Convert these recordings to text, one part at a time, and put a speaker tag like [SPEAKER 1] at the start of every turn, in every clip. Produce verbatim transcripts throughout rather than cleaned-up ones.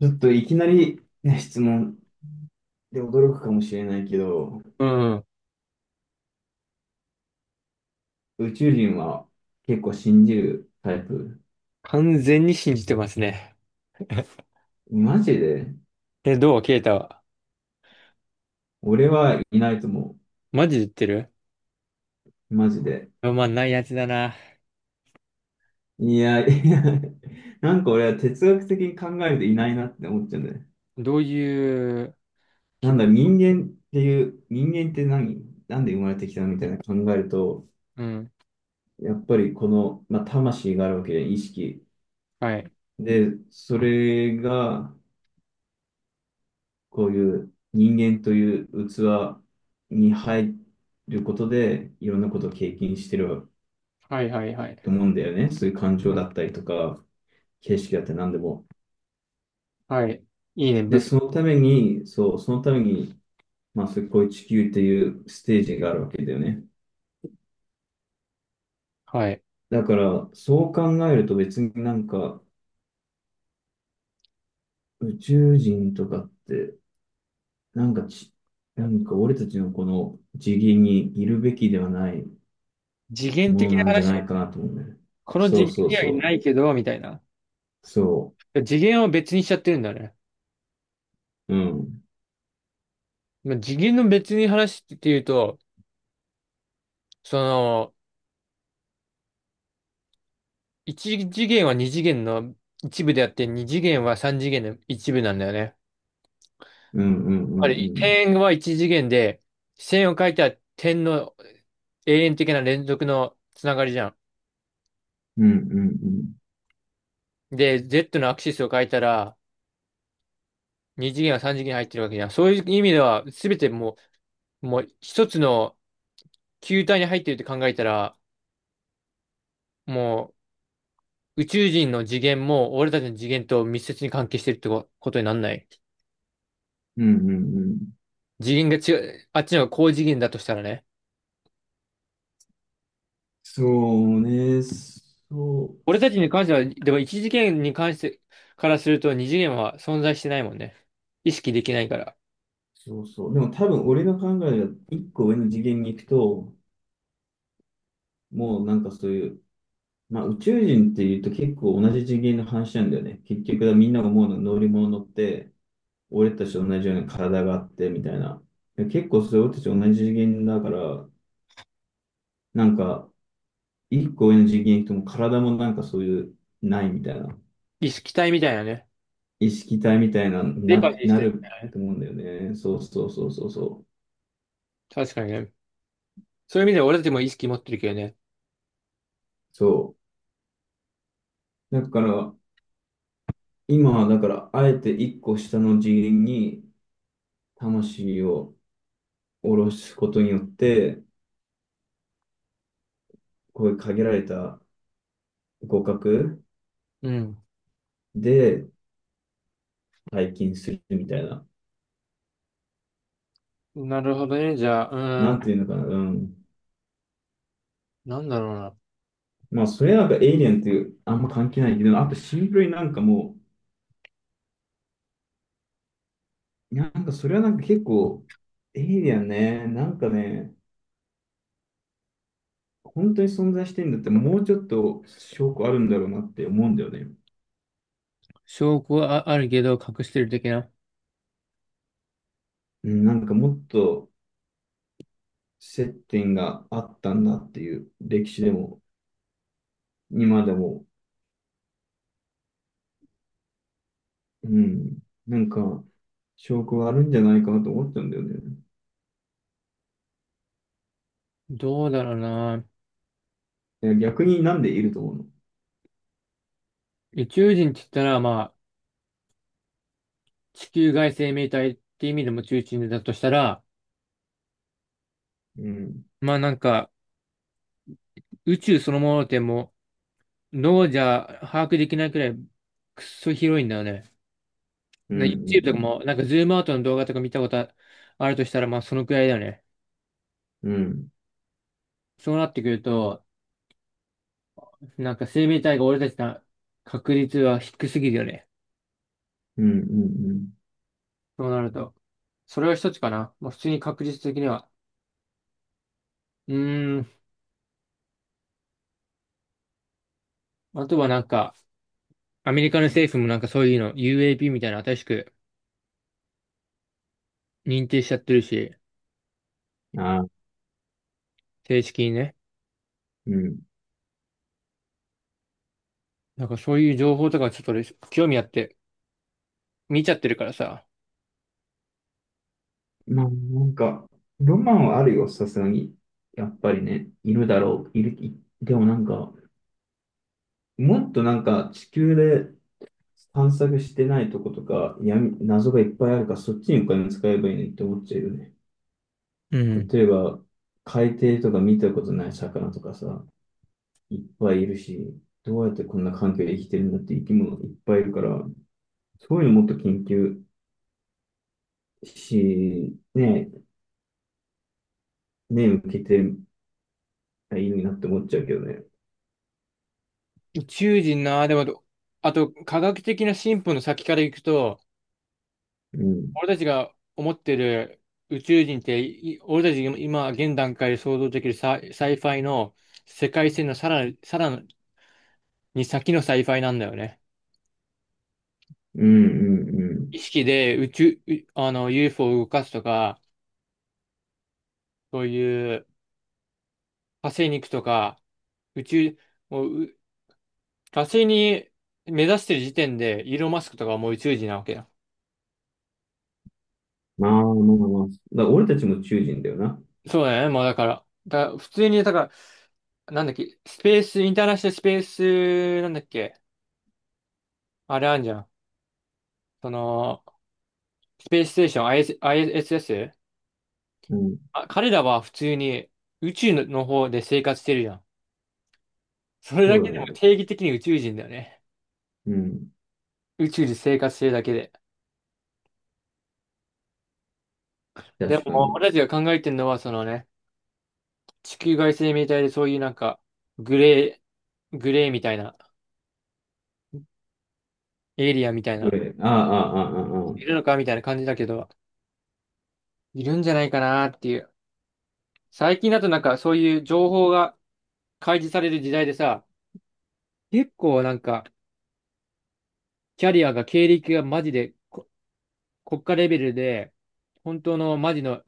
[SPEAKER 1] ちょっといきなり、ね、質問で驚くかもしれないけど、
[SPEAKER 2] うん。
[SPEAKER 1] 宇宙人は結構信じるタイプ。
[SPEAKER 2] 完全に信じてますね。
[SPEAKER 1] マジで
[SPEAKER 2] え、どうケイタは
[SPEAKER 1] 俺はいないと思
[SPEAKER 2] マジで言ってる？
[SPEAKER 1] う。マジで。
[SPEAKER 2] まあまあ、ないやつだな。
[SPEAKER 1] いや、いや、なんか俺は哲学的に考えるといないなって思っちゃうんだよね。
[SPEAKER 2] どういう、
[SPEAKER 1] な
[SPEAKER 2] け、
[SPEAKER 1] んだ、人間っていう、人間って何なんで生まれてきたのみたいな考えると、
[SPEAKER 2] うん。
[SPEAKER 1] やっぱりこの、まあ、魂があるわけで、意識。
[SPEAKER 2] はい。
[SPEAKER 1] で、それが、こういう人間という器に入ることで、いろんなことを経験してる
[SPEAKER 2] はいはいはい。
[SPEAKER 1] と思うんだよね。そういう感情だったりとか、景色だったり何でも。
[SPEAKER 2] はい。いいね。
[SPEAKER 1] で、
[SPEAKER 2] ぶ、
[SPEAKER 1] そのために、そう、そのために、まあ、そういうこういう地球っていうステージがあるわけだよね。
[SPEAKER 2] はい。
[SPEAKER 1] だから、そう考えると別になんか、宇宙人とかって、なんかち、なんか俺たちのこの次元にいるべきではない
[SPEAKER 2] 次元的
[SPEAKER 1] もの
[SPEAKER 2] な
[SPEAKER 1] なんじゃな
[SPEAKER 2] 話。
[SPEAKER 1] いかなと思うんだよね。
[SPEAKER 2] この
[SPEAKER 1] そ
[SPEAKER 2] 次
[SPEAKER 1] う
[SPEAKER 2] 元
[SPEAKER 1] そう
[SPEAKER 2] にはい
[SPEAKER 1] そ
[SPEAKER 2] な
[SPEAKER 1] う。
[SPEAKER 2] いけど、みたいな。
[SPEAKER 1] そう。
[SPEAKER 2] 次元を別にしちゃってるんだね。
[SPEAKER 1] うん。
[SPEAKER 2] まあ、次元の別に話っていうと、その、一次元は二次元の一部であって、二次元は三次元の一部なんだよね。
[SPEAKER 1] うん、うん、うん、う
[SPEAKER 2] あれ、
[SPEAKER 1] ん。
[SPEAKER 2] 点は一次元で、線を書いたら点の永遠的な連続のつながりじゃ
[SPEAKER 1] うん、うん、うん。
[SPEAKER 2] ん。で、Z のアクシスを書いたら、二次元は三次元に入ってるわけじゃん。そういう意味では、すべてもう、もう一つの球体に入ってるって考えたら、もう宇宙人の次元も俺たちの次元と密接に関係してるってこことになんない？
[SPEAKER 1] うん、うん、うん。
[SPEAKER 2] 次元が違う、あっちの方が高次元だとしたらね。
[SPEAKER 1] そうね。そう。
[SPEAKER 2] 俺たちに関しては、でも一次元に関してからすると二次元は存在してないもんね。意識できないから。
[SPEAKER 1] そうそう。でも多分俺の考えが一個上の次元に行くと、もうなんかそういう、まあ宇宙人っていうと結構同じ次元の話なんだよね。結局はみんなが思うのは乗り物乗って、俺たちと同じような体があってみたいな。で結構それ俺たち同じ次元だから、なんか一個上の次元行くともう体もなんかそういう、ないみたいな。
[SPEAKER 2] 意識体みたいなね。
[SPEAKER 1] 意識体みたいな、
[SPEAKER 2] デパ
[SPEAKER 1] な、
[SPEAKER 2] ティし
[SPEAKER 1] な
[SPEAKER 2] てるみた
[SPEAKER 1] る
[SPEAKER 2] いなね。
[SPEAKER 1] と思うんだよね。そうそうそうそうそう。
[SPEAKER 2] 確かにね。そういう意味では俺たちも意識持ってるけどね。
[SPEAKER 1] そう。だから、今はだから、あえて一個下の次元に魂を下ろすことによって、こういう限られた互角
[SPEAKER 2] うん。
[SPEAKER 1] で体験するみたいな。
[SPEAKER 2] なるほどね。じゃあ、う
[SPEAKER 1] なん
[SPEAKER 2] ん。
[SPEAKER 1] ていうのかな。うん。
[SPEAKER 2] なんだろうな。
[SPEAKER 1] まあ、それはなんかエイリアンっていうあんま関係ないけど、あとシンプルになんかもう、なんかそれはなんか結構、エイリアンね、なんかね、本当に存在してんだって、もうちょっと証拠あるんだろうなって思うんだよね。
[SPEAKER 2] 証拠はああるけど隠してる的な。
[SPEAKER 1] うん、なんかもっと接点があったんだっていう歴史でも、今でも、うん、なんか証拠があるんじゃないかなと思っちゃうんだよね。
[SPEAKER 2] どうだろうな。
[SPEAKER 1] いや逆になんでいると思うの？
[SPEAKER 2] 宇宙人って言ったら、まあ、地球外生命体って意味でも宇宙人だとしたら、
[SPEAKER 1] うん、
[SPEAKER 2] まあなんか、宇宙そのものってもう、脳じゃ把握できないくらい、くっそ広いんだよね。
[SPEAKER 1] う
[SPEAKER 2] な YouTube とか
[SPEAKER 1] ん、
[SPEAKER 2] も、なんかズームアウトの動画とか見たことあるとしたら、まあそのくらいだよね。
[SPEAKER 1] うん、うん、
[SPEAKER 2] そうなってくると、なんか生命体が俺たちの確率は低すぎるよね、
[SPEAKER 1] うん、うん、うん
[SPEAKER 2] そうなると。それは一つかな、もう普通に確率的には。うーん。あとはなんか、アメリカの政府もなんかそういうの、ユーエーピー みたいなの新しく認定しちゃってるし、
[SPEAKER 1] ああ
[SPEAKER 2] 正式にね。
[SPEAKER 1] うん。
[SPEAKER 2] なんかそういう情報とかちょっと俺興味あって見ちゃってるからさ。
[SPEAKER 1] まあ、なんか、ロマンはあるよ、さすがに。やっぱりね、いるだろう、いる、いでもなんか、もっとなんか地球で探索してないとことか、闇、謎がいっぱいあるから、そっちにお金使えばいいのにって思っちゃうよね。
[SPEAKER 2] うん。
[SPEAKER 1] 例えば、海底とか見たことない魚とかさ、いっぱいいるし、どうやってこんな環境で生きてるんだって生き物いっぱいいるから、そういうのもっと研究し、ね、目向けてりゃいいのになって思っちゃうけどね。
[SPEAKER 2] 宇宙人な、でもど、あと科学的な進歩の先から行くと、
[SPEAKER 1] うん。
[SPEAKER 2] 俺たちが思ってる宇宙人って、い俺たちが今現段階で想像できるサイ、サイファイの世界線のさらに、さらに先のサイファイなんだよね。
[SPEAKER 1] うん、うん、うん。
[SPEAKER 2] 意識で宇宙、うあの ユーフォー を動かすとか、そういう火星に行くとか、宇宙、もうう火星に目指してる時点でイーロン・マスクとかはもう宇宙人なわけよ。
[SPEAKER 1] まあまあまあ。だから俺たちも宇宙人だよな。
[SPEAKER 2] そうだよね、もうだから。だから普通に、だから、なんだっけ、スペース、インターナショナルスペース、なんだっけ、あれあんじゃん。その、スペースステーション、IS、アイエス s ス、
[SPEAKER 1] うん。
[SPEAKER 2] あ、彼らは普通に宇宙の方で生活してるじゃん。それ
[SPEAKER 1] そ
[SPEAKER 2] だけ
[SPEAKER 1] う
[SPEAKER 2] で
[SPEAKER 1] だ
[SPEAKER 2] も
[SPEAKER 1] ね。
[SPEAKER 2] 定義的に宇宙人だよね。
[SPEAKER 1] うん。
[SPEAKER 2] 宇宙で生活してるだけで。で
[SPEAKER 1] 確か
[SPEAKER 2] も、
[SPEAKER 1] に。
[SPEAKER 2] 俺たちが考えてるのは、そのね、地球外生命体でそういうなんか、グレー、グレーみたいな、エイリアンみたいな、
[SPEAKER 1] ああ、ああ、ああ、あ
[SPEAKER 2] いる
[SPEAKER 1] あ。
[SPEAKER 2] のかみたいな感じだけど、いるんじゃないかなっていう。最近だとなんかそういう情報が開示される時代でさ、結構なんか、キャリアが経歴がマジで国家レベルで、本当のマジの、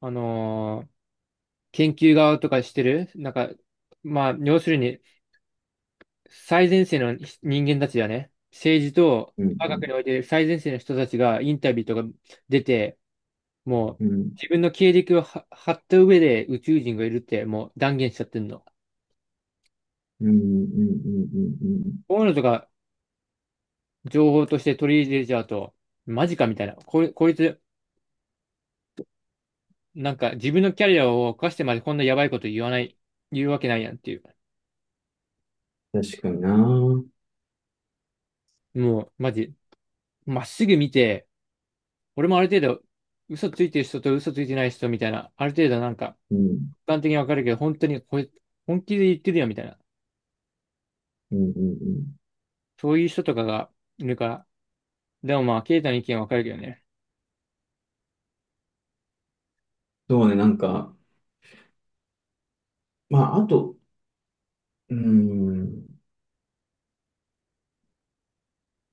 [SPEAKER 2] あのー研究側とかしてる、なんか、まあ、要するに最前線の人間たちだね。政治と
[SPEAKER 1] う
[SPEAKER 2] 科学に
[SPEAKER 1] ん、
[SPEAKER 2] おいて最前線の人たちがインタビューとか出て、もう
[SPEAKER 1] うん、うん、
[SPEAKER 2] 自分の経歴をは張った上で宇宙人がいるってもう断言しちゃってんの。
[SPEAKER 1] うん、うん、うん、うん、
[SPEAKER 2] こういうのとか情報として取り入れちゃうと、マジかみたいな。こい、こいつ、なんか自分のキャリアを犯してまでこんなやばいこと言わない、言うわけないやんっていう。
[SPEAKER 1] うん。確かにな。うん、
[SPEAKER 2] もう、マジ、まっすぐ見て、俺もある程度、嘘ついてる人と嘘ついてない人みたいな、ある程度なんか、
[SPEAKER 1] うん、
[SPEAKER 2] 一般的にわかるけど、本当にこれ、本気で言ってるよみたいな、
[SPEAKER 1] うん、うん。
[SPEAKER 2] そういう人とかがいるから、でもまあ、ケイタの意見わかるけどね。
[SPEAKER 1] そうね、なんか、まあ、あと、うん、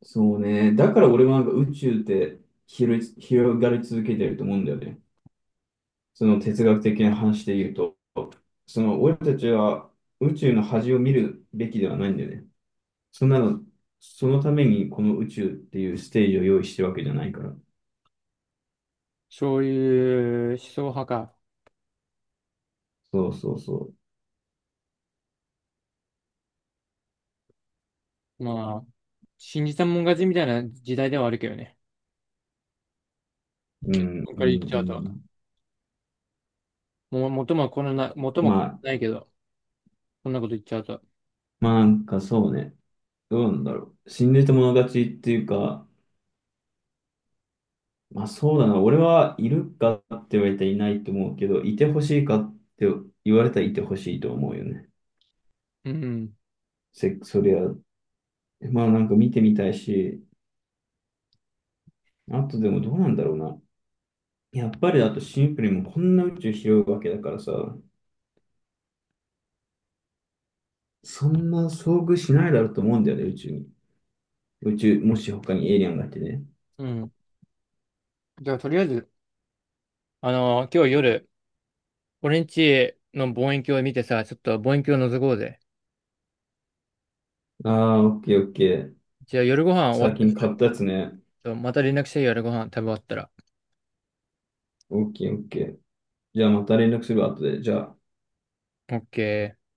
[SPEAKER 1] そうね。だから俺はなんか宇宙って広い、広がり続けてると思うんだよね。その哲学的な話で言うと、その俺たちは宇宙の端を見るべきではないんだよね。そんなの、そのためにこの宇宙っていうステージを用意してるわけじゃないから。
[SPEAKER 2] そういう思想派か。
[SPEAKER 1] そうそうそ
[SPEAKER 2] まあ、信じたもん勝ちみたいな時代ではあるけどね、
[SPEAKER 1] う。うん、
[SPEAKER 2] これ
[SPEAKER 1] う
[SPEAKER 2] か
[SPEAKER 1] ん、う
[SPEAKER 2] ら言っちゃうと、
[SPEAKER 1] ん。
[SPEAKER 2] もう元もこのな、元も
[SPEAKER 1] ま
[SPEAKER 2] こ
[SPEAKER 1] あ、
[SPEAKER 2] のないけど、こんなこと言っちゃうと。
[SPEAKER 1] まあなんかそうね、どうなんだろう。死んでてもの勝ちっていうか、まあそうだな、俺はいるかって言われたらいないと思うけど、いてほしいかって言われたらいてほしいと思うよね。
[SPEAKER 2] うん、
[SPEAKER 1] せ、そりゃ、まあなんか見てみたいし、あとでもどうなんだろうな。やっぱりあとシンプルにもうこんな宇宙広いわけだからさ、そんな遭遇しないだろうと思うんだよね、宇宙に。宇宙、もし他にエイリアンがいてね。
[SPEAKER 2] うん。じゃあ、とりあえず、あの今日夜、俺んちの望遠鏡見てさ、ちょっと望遠鏡覗こうぜ。
[SPEAKER 1] ああ、オッケーオッケー。
[SPEAKER 2] じゃあ夜ご飯終わっ
[SPEAKER 1] 最
[SPEAKER 2] たら、
[SPEAKER 1] 近
[SPEAKER 2] ち
[SPEAKER 1] 買っ
[SPEAKER 2] ょ
[SPEAKER 1] たやつね。
[SPEAKER 2] っとまた連絡してよ、夜ご飯食べ終わったら。
[SPEAKER 1] オッケーオッケー。じゃあまた連絡するわ、後で。じゃあ。
[SPEAKER 2] オッケー。